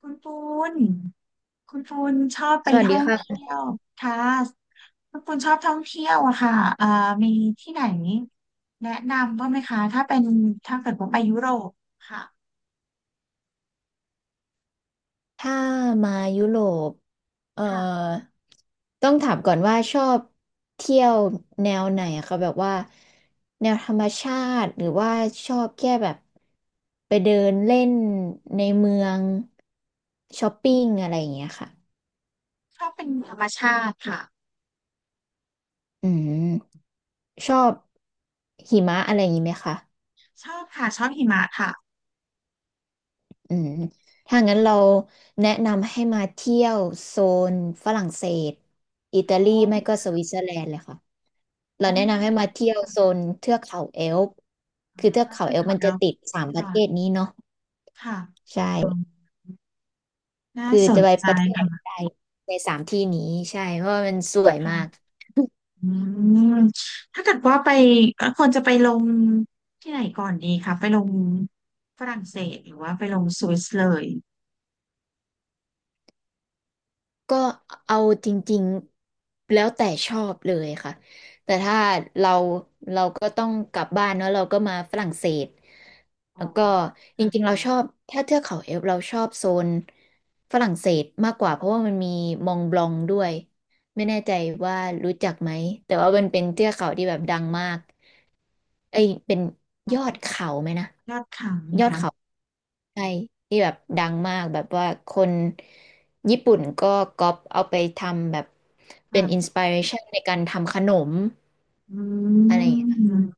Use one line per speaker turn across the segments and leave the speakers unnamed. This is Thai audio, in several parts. คุณปูนคุณปูนชอบไป
สวัส
ท่
ดี
อง
ค่ะ
เที่ยวค่ะคุณปูนชอบท่องเที่ยวอะค่ะมีที่ไหนแนะนำบ้างไหมคะถ้าเป็นถ้าเกิดว่าไปยุโรปค่ะ
ถ้ามายุโรปเอ่อ
ค่ะ
ต้องถามก่อนว่าชอบเที่ยวแนวไหนอะคะแบบว่าแนวธรรมชาติ หรือว่าชอบแค่แบบไปเดินเล่นในเมืองช้อปปิ้งอะไรอย่างเงี้ยค่ะ
ชอบเป็นธรรมชาติค่ะ
อืมชอบหิมะอะไรอย่างงี้ไหมคะ
ชอบค่ะชอบหิมะค่ะ
อืมถ้างั้นเราแนะนำให้มาเที่ยวโซนฝรั่งเศสอิตาลี
อ๋อ
ไม่ก็สวิตเซอร์แลนด์เลยค่ะเรา
อ๋อ
แนะนำให้มาเที่ยวโซนเทือกเขาแอลป์
อ๋อ
คือเทือกเขา
เทือ
แอลป์
เขา
มัน
แอ
จะ
ลป์
ติดสามประ
ค่ะ
เทศนี้เนาะ
ค่ะ
ใช่
อ๋อน่า
คือ
ส
จะ
น
ไป
ใจ
ประเทศใดในสามที่นี้ใช่เพราะว่ามันสวยมาก
ค่ะ อืมถ้าเกิดว่าไปควรจะไปลงที่ไหนก่อนดีคะไปลงฝรั่งเศสหรือว่าไปลงสวิสเลย
ก็เอาจริงๆแล้วแต่ชอบเลยค่ะแต่ถ้าเราเราก็ต้องกลับบ้านเนอะเราก็มาฝรั่งเศส
อ๋
แล้
อ
วก็
ค
จ
รับ
ริงๆเราชอบถ้าเทือกเขาเอลป์เราชอบโซนฝรั่งเศสมากกว่าเพราะว่ามันมีมองบลองด้วย ไม่แน่ใจว่ารู้จักไหมแต่ว่ามันเป็นเทือกเขาที่แบบดังมากเอ้ยเป็นยอด
ค่ะ
เขาไหมนะ
ยอดขัง
ย
นะ
อดเขา
คะ
ใช่ที่แบบดังมากแบบว่าคนญี่ปุ่นก็ก๊อปเอาไปทำแบบเป็
ค่ะ
นอินสปิเรชันในการทำขนม
อ
อะ
ื
ไรอย่างเงี้ย
ม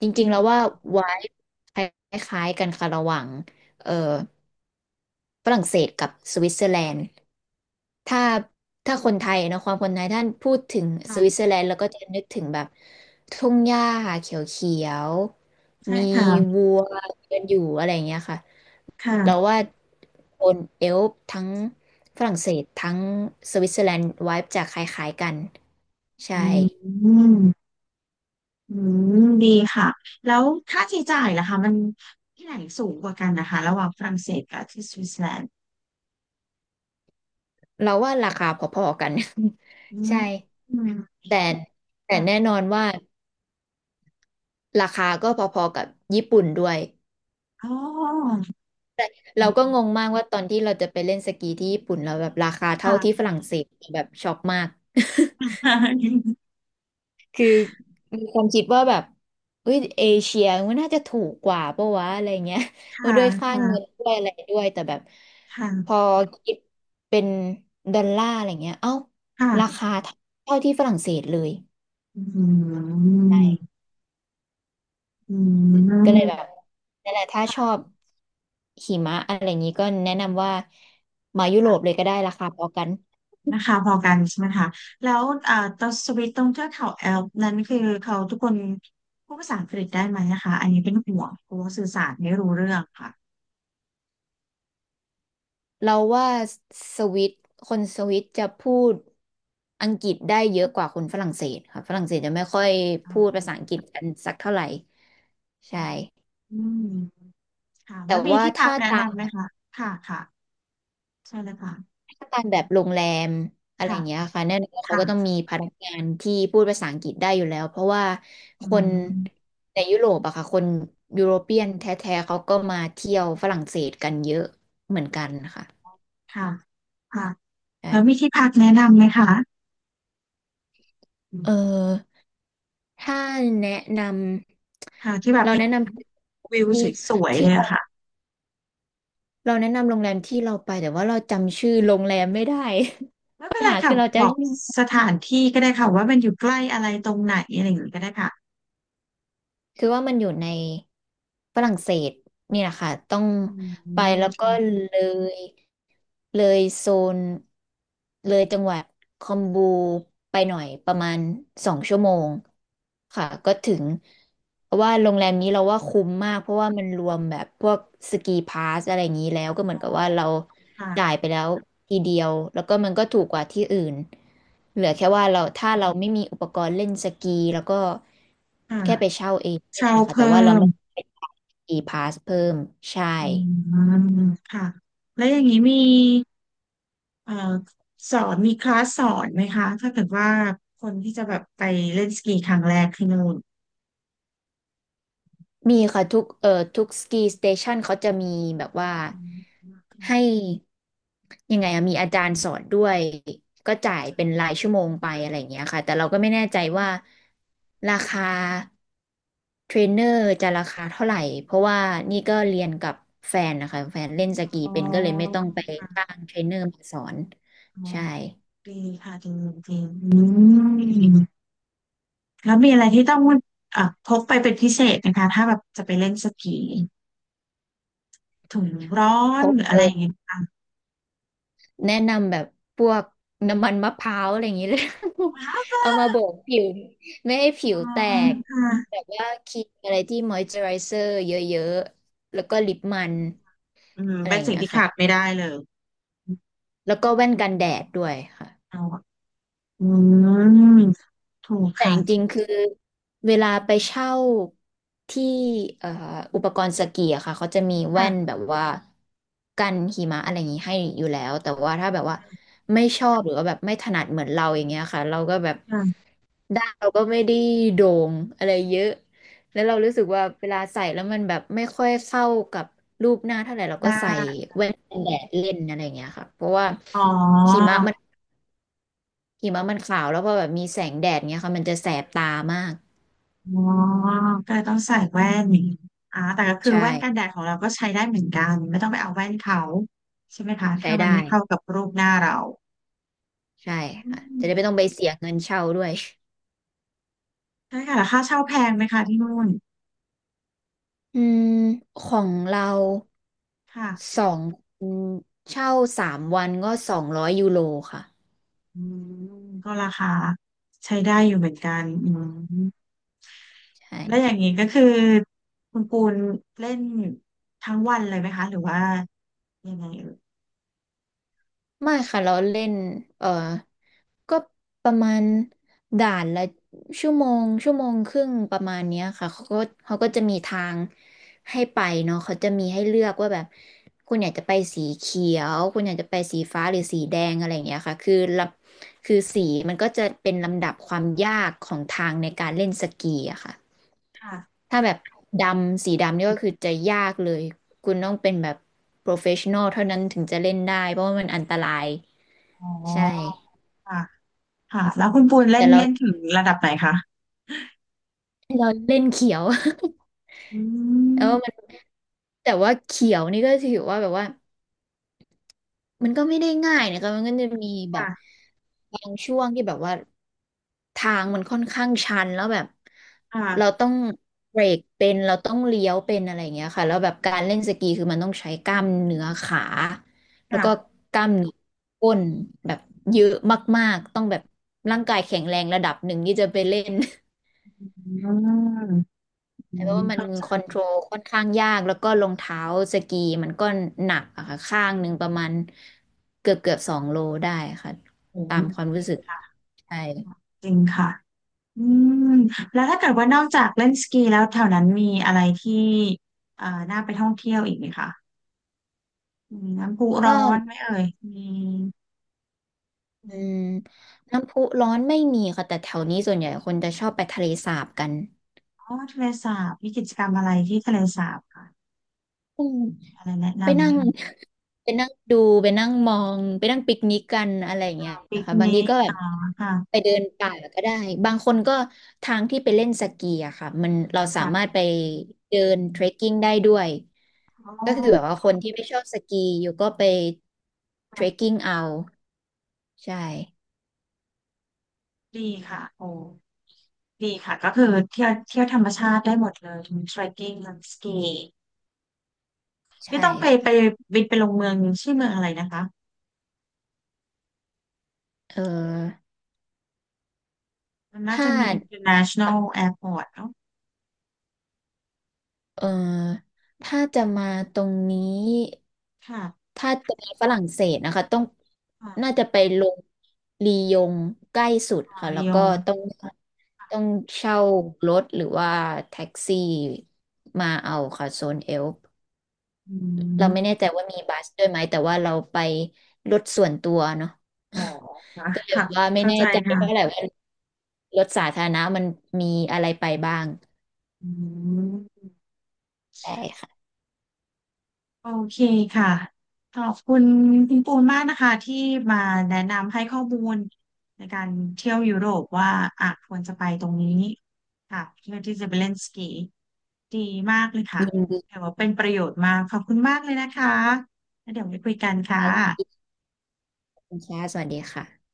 จริง
ดี
ๆแล้วว่าไวายคล้ายๆกันค่ะระหว่างเอ่อฝรั่งเศสกับสวิตเซอร์แลนด์ ถ้าถ้าคนไทยเนอะความคนไทยท่านพูดถึงส
ค่ะ
วิตเซอร์แลนด์แล้วก็จะนึกถึงแบบทุ่งหญ้าเขียว
ใช่
ๆมี
ค่ะ
วัวเดินอยู่อะไรอย่างเงี้ยค่ะเรา
ค่ะ
ว่าคนเอลป์ทั้งฝรั่งเศสทั้งสวิตเซอร์แลนด์ไวบ์จะคล้ายๆกันใช่
อืมอืมดีค่ะแล้วค่าใช้จ่ายล่ะคะมันที่ไหนสูงกว่ากันนะคะระหว่างฝรั่งเศสกับที่สวิตเซอร์แลนด์
เราว่าราคาพอๆกัน
อื ม
ใช่
อืม
แต่แต่
ค่ะ
แน่นอนว่าราคาก็พอๆกับญี่ปุ่นด้วย
อ๋อ
เราก็งงมากว่าตอนที่เราจะไปเล่นสกีที่ญี่ปุ่นเราแบบราคาเท่าที่
ค่ะ
ฝรั่งเศสแบบช็อกมาก คือมีความคิดว่าแบบเอ้ยเอเชียมันน่าจะถูกกว่าปะวะอะไรเงี้ยว่า
ค่ะ
ด้วยค่าเงิน
ค่ะ
ด้วยอะไรด้วยแต่แบบพอ
ค่ะ
คิดเป็นดอลลาร์อะไรเงี้ยเอ้า
ค่ะ
ราคาเท่าที่ฝรั่งเศสเลย
อืม
ใช่
อื
ก็เลยแบ
ม
บนั่นแหละถ้าช
ค่ะ
อบหิมะอะไรอย่างนี้ก็แนะนำว่ามายุโรปเล
ค่ะ
ยก็ได้ราคาพอกัน
นะคะพอกันใช่ไหมคะแล้วตอนสวิตตรงเทือกเขาแอลป์นั้นคือเขาทุกคนพูดภาษาอังกฤษได้ไหมนะคะอันนี้เป็นห่วงกลัวสื่อสารไม่รู้เรื่องค่ะ
เราว่าสวิตคนสวิตจะพูดอังกฤษได้เยอะกว่าคนฝรั่งเศสค่ะฝรั่งเศสจะไม่ค่อย
อ๋
พูดภาษา
อ
อังกฤษกันสักเท่าไหร่
อื
ใช่
มอืมค่ะ
แต่
แล้วมี
ว่า
ที่พัก
ถ้า
แนะ
ตา
นำ
ม
ไหมคะค่ะค่ะใช่เลยค่ะ
ถ้าตามแบบโรงแรมอะไรอ
ค่ะ
ย่างเงี้ยค่ะแน่นอนเขาก็ต้อง
ค่ะ
มีพนักงานที่พูดภาษาอังกฤษได้อยู่แล้วเพราะว่า
อื
คน
ม
ในยุโรปอะค่ะคนยุโรเปียนแท้ๆเขาก็มาเที่ยวฝรั่งเศสกันเยอะเหมือนกันนะคะ
ค่ะค่ะ
ใช่
แล้วมีที่พักแนะนำไหมคะ
เออ ถ้าแนะน
ค่ะที่แบ
ำ
บ
เรา
เห็
แนะ
น
น
วิว
ำที่
สวยๆ
ที่
เลย
เรา
อะค่ะ
เราแนะนำโรงแรมที่เราไปแต่ว่าเราจำชื่อโรงแรมไม่ได้
ไม่
ปั
เป็
ญ
นไร
หา
ค่ะ
คือเรา
บอ
จำ
ก
ชื่อ
สถานที่ก็ได้ค่ะว่ามันอยู่ใกล้อะไรตรงไหนอะไรอย่างนี้ก็ได้ค่ะ
คือว่ามันอยู่ในฝรั่งเศสนี่แหละค่ะต้อง
อืม
ไปแล้วก็
ค่ะ
เลยเลยโซนเลยจังหวัดคอมบูไปหน่อยประมาณ2 ชั่วโมงค่ะก็ถึงเพราะว่าโรงแรมนี้เราว่าคุ้มมากเพราะว่ามันรวมแบบพวกสกีพาสอะไรอย่างนี้แล้วก็เหมือนกับว่าเรา
ค่ะ
จ่ายไปแล้วทีเดียวแล้วก็มันก็ถูกกว่าที่อื่นเหลือแค่ว่าเราถ้าเราไม่มีอุปกรณ์เล่นสกีแล้วก็
ค่ะ
แค่ไปเช่าเองก็
เช่า
ได้นะคะแต่
เพิ่
ว่าเรา
ม
ไม่ไปอีพาสเพิ่มใช่
อืมค่ะแล้วอย่างนี้มีเอ่อสอนมีคลาสสอนไหมคะถ้าเกิดว่าคนที่จะแบบไปเล่นสกีครั้งแรกที่นู่น
มีค่ะทุกทุกสกีสเตชันเขาจะมีแบบว่า
อืม
ให้ยังไงอะมีอาจารย์สอนด้วยก็จ่ายเป็นรายชั่วโมงไปอะไรอย่างเงี้ยค่ะแต่เราก็ไม่แน่ใจว่าราคาเทรนเนอร์จะราคาเท่าไหร่เพราะว่านี่ก็เรียนกับแฟนนะคะแฟนเล่นสกี
อ๋อ
เป็นก็เลยไม่ต้องไปจ้างเทรนเนอร์มาสอน
อ๋อ
ใช่
ดีค่ะดีดีอืม แล้วมีอะไรที่ต้องพกไปเป็นพิเศษไหมคะถ้าแบบจะไปเล่นสกีถุงร้อ
พ
น
บ
หรืออะไรอย่างเงี้ย
แนะนำแบบพวกน้ำมันมะพร้าวอะไรอย่างนี้เลย
ว้า
เอามา
ว
โบกผิวไม่ให้ผิ
อื
วแต
ม
ก
ค่ะ
แบบว่าครีมอะไรที่มอยเจอไรเซอร์เยอะๆ แล้วก็ลิปมัน
อืม
อะไร
เป็
อ
น
ย่าง
สิ่ง
เงี้ย
ที่
ค่ะ
ขาดไม่ได้เลย
แล้วก็แว่นกันแดดด้วยค่ะ
เอาอะอืมถูก
แต่
ค่ะ
จริงๆคือเวลาไปเช่าที่เอ่ออุปกรณ์สกีอะค่ะเขาจะมีแว่น
ค่ะ
แบบว่ากันหิมะอะไรอย่างนี้ให้อยู่แล้วแต่ว่าถ้าแบบว่าไม่ชอบหรือว่าแบบไม่ถนัดเหมือนเราอย่างเงี้ยค่ะเราก็แบบ
ค่ะ
ด้านเราก็ไม่ได้โด่งอะไรเยอะแล้วเรารู้สึกว่าเวลาใส่แล้วมันแบบไม่ค่อยเข้ากับรูปหน้าเท่าไหร่เรา
ห
ก็
น้า
ใส่แว่นกันแดดเล่นอะไรอย่างเงี้ยค่ะเพราะว่า
อ๋
หิ
อ
มะมันหิมะมันขาวแล้วพอแบบมีแสงแดดเงี้ยค่ะมันจะแสบตามาก
อ๋อก็เลยต้องใส่แว่นอย่างงี้อ่าแต่ก็คื
ใช
อแว่นกันแด
่
ดของเราก็ใช้ได้เหมือนกันไม่ต้องไปเอาแว่นเขาใช่ไหมคะ
ใช้
ถ้ามัน
ได้
ไม่เข้ากับรูปหน้าเรา
ใช่
อื
ค่ะจะ
ม
ได้ไม่ต้องไปเสียเงินเช่าด้วย
ใช่ค่ะแล้วค่าเช่าแพงไหมคะที่นู่น
อืมของเรา
ค่ะ
สองคนเช่า3 วันก็200 ยูโรค่ะ
อืมก็ราคาใช้ได้อยู่เหมือนกันอืม
ใช่
แล้วอย่างนี้ก็คือคุณปูนเล่นทั้งวันเลยไหมคะหรือว่ายังไงเอ่ย
ไม่ค่ะเราเล่นเออก็ประมาณด่านละชั่วโมงชั่วโมงครึ่งประมาณเนี้ยค่ะเขาก็จะมีทางให้ไปเนาะเขาจะมีให้เลือกว่าแบบคุณอยากจะไปสีเขียวคุณอยากจะไปสีฟ้าหรือสีแดงอะไรอย่างเงี้ยค่ะคือสีมันก็จะเป็นลำดับความยากของทางในการเล่นสกีอะค่ะ
ค่ะ
ถ้าแบบดำสีดำนี่ก็คือจะยากเลยคุณต้องเป็นแบบโปรเฟชชั่นอลเท่านั้นถึงจะเล่นได้เพราะว่ามันอันตราย
อ๋อ
ใช่
ค่ะค่ะแล้วคุณปูนเล่
แต่
นเล่นถึงระดับไหนคะ
เราเล่นเขียว
อื
แล้วมัน
ม
แต่ว่าเขียวนี่ก็ถือว่าแบบว่ามันก็ไม่ได้ง่ายนะคะมันก็จะมีแบบ
ค่ะ
บางช่วงที่แบบว่าทางมันค่อนข้างชันแล้วแบบ
ค่ะ
เราต้องเบรกเป็นเราต้องเลี้ยวเป็นอะไรอย่างเงี้ยค่ะแล้วแบบการเล่นสกีคือมันต้องใช้กล้ามเนื้อขาแล้วก็
ค่ะ
กล้ามเนื้อก้นแบบเยอะมากๆต้องแบบร่างกายแข็งแรงระดับหนึ่งที่จะไปเล่น
อืมอื
แต่
ม
ว่ามัน
เข้าใจ
คอนโทรลค่อนข้างยากแล้วก็รองเท้าสกีมันก็หนักอะค่ะข้างหนึ่งประมาณเกือบ2 โลได้ค่ะ
ผม
ตามความ
จ
รู้
ริง
สึก
ค่ะ
ใช่
จริงค่ะอืมแล้วถ้าเกิดว่านอกจากเล่นสกีแล้วแถวนั้นมีอะไรที่เอ่อน่าไปท่องเที่ยวอีกไหมคะ มีน้ำพุร้
ก็
อนไหมเอ่ยมี
อื
มี
มน้ำพุร้อนไม่มีค่ะแต่แถวนี้ส่วนใหญ่คนจะชอบไปทะเลสาบกัน
อ๋อทะเลสาบมีกิจกรรมอะไรที่ทะเลสาบค่ะ
อืม
มีอะไรแนะ
ไป
นำไหม
นั่ง
คะ
ไปนั่งดูไปนั่งมองไปนั่งปิกนิกกันอะไรอย่างเงี้ย
ปิ
นะ
ก
คะบาง
นิ
ที
ก
ก็แบ
อ๋
บ
อ
ไป
ค่ะ
เดินป่าก็ได้บางคนก็ทางที่ไปเล่นสกีอะค่ะมันเราสา
ค่ะ
มารถไปเดินเทรคกิ้งได้ด้วย
อ๋
ก็คือแบ
อ
บว่าคนที่ไม่ชอบสกีอยู่ก็ไปเทรค
ค่ะ
กิ้งเอาใช่
ดีค่ะโอ้ดีค่ะก็คือเที่ยวเที่ยวธรรมชาติได้หมดเลยทั้งส r e ตกิ้งทั้งสกีพี่
ใช่
ต้องไป
ค่ะ
ไปบินไปลงเมืองชื่อเมืองอะไรนะคะ
เออ
มันน่า
ถ้า
จะมี international airport เนอะ
เอ่อถ้าจะมาตรงนี้
ค่ะ
ถ้าจะไปฝรั่งเศสนะคะต้อง
ค่ะ
น่าจะไปลงลียงใกล้สุด
ค่ะ
ค่ะ
ระ
แล้ว
ย
ก็
อง
ต้องต้องเช่ารถหรือว่าแท็กซี่มาเอาค่ะโซนเอลป์
อื
เราไม่แน่
ม
ใจว่ามีบัสด้วยไหมแต่ว่าเราไปรถส่วนตัวเนาะ
อ๋อค่ะ
ก็เลย
ค่ะ
ว่าไม่
เข้า
แน่
ใจ
ใจเท่าไหร่
ค่ะ
ว่ารถสาธารณะมันมีอะไรไปบ้าง
อืม
ใช่ค่ะ
โอเคค่ะขอบคุณคุณปูนมากนะคะที่มาแนะนำให้ข้อมูลในการเที่ยวยุโรปว่าอ่ะควรจะไปตรงนี้ค่ะเพื่อที่จะไปเล่นสกีดีมากเลยค่ะ
ยินดี
แต่ว่าเป็นประโยชน์มากขอบคุณมากเลยนะคะแล้วเดี๋ยวไว้คุยกันค่ะ
ค่ะ คุณแชร์สวัสดีค่ะ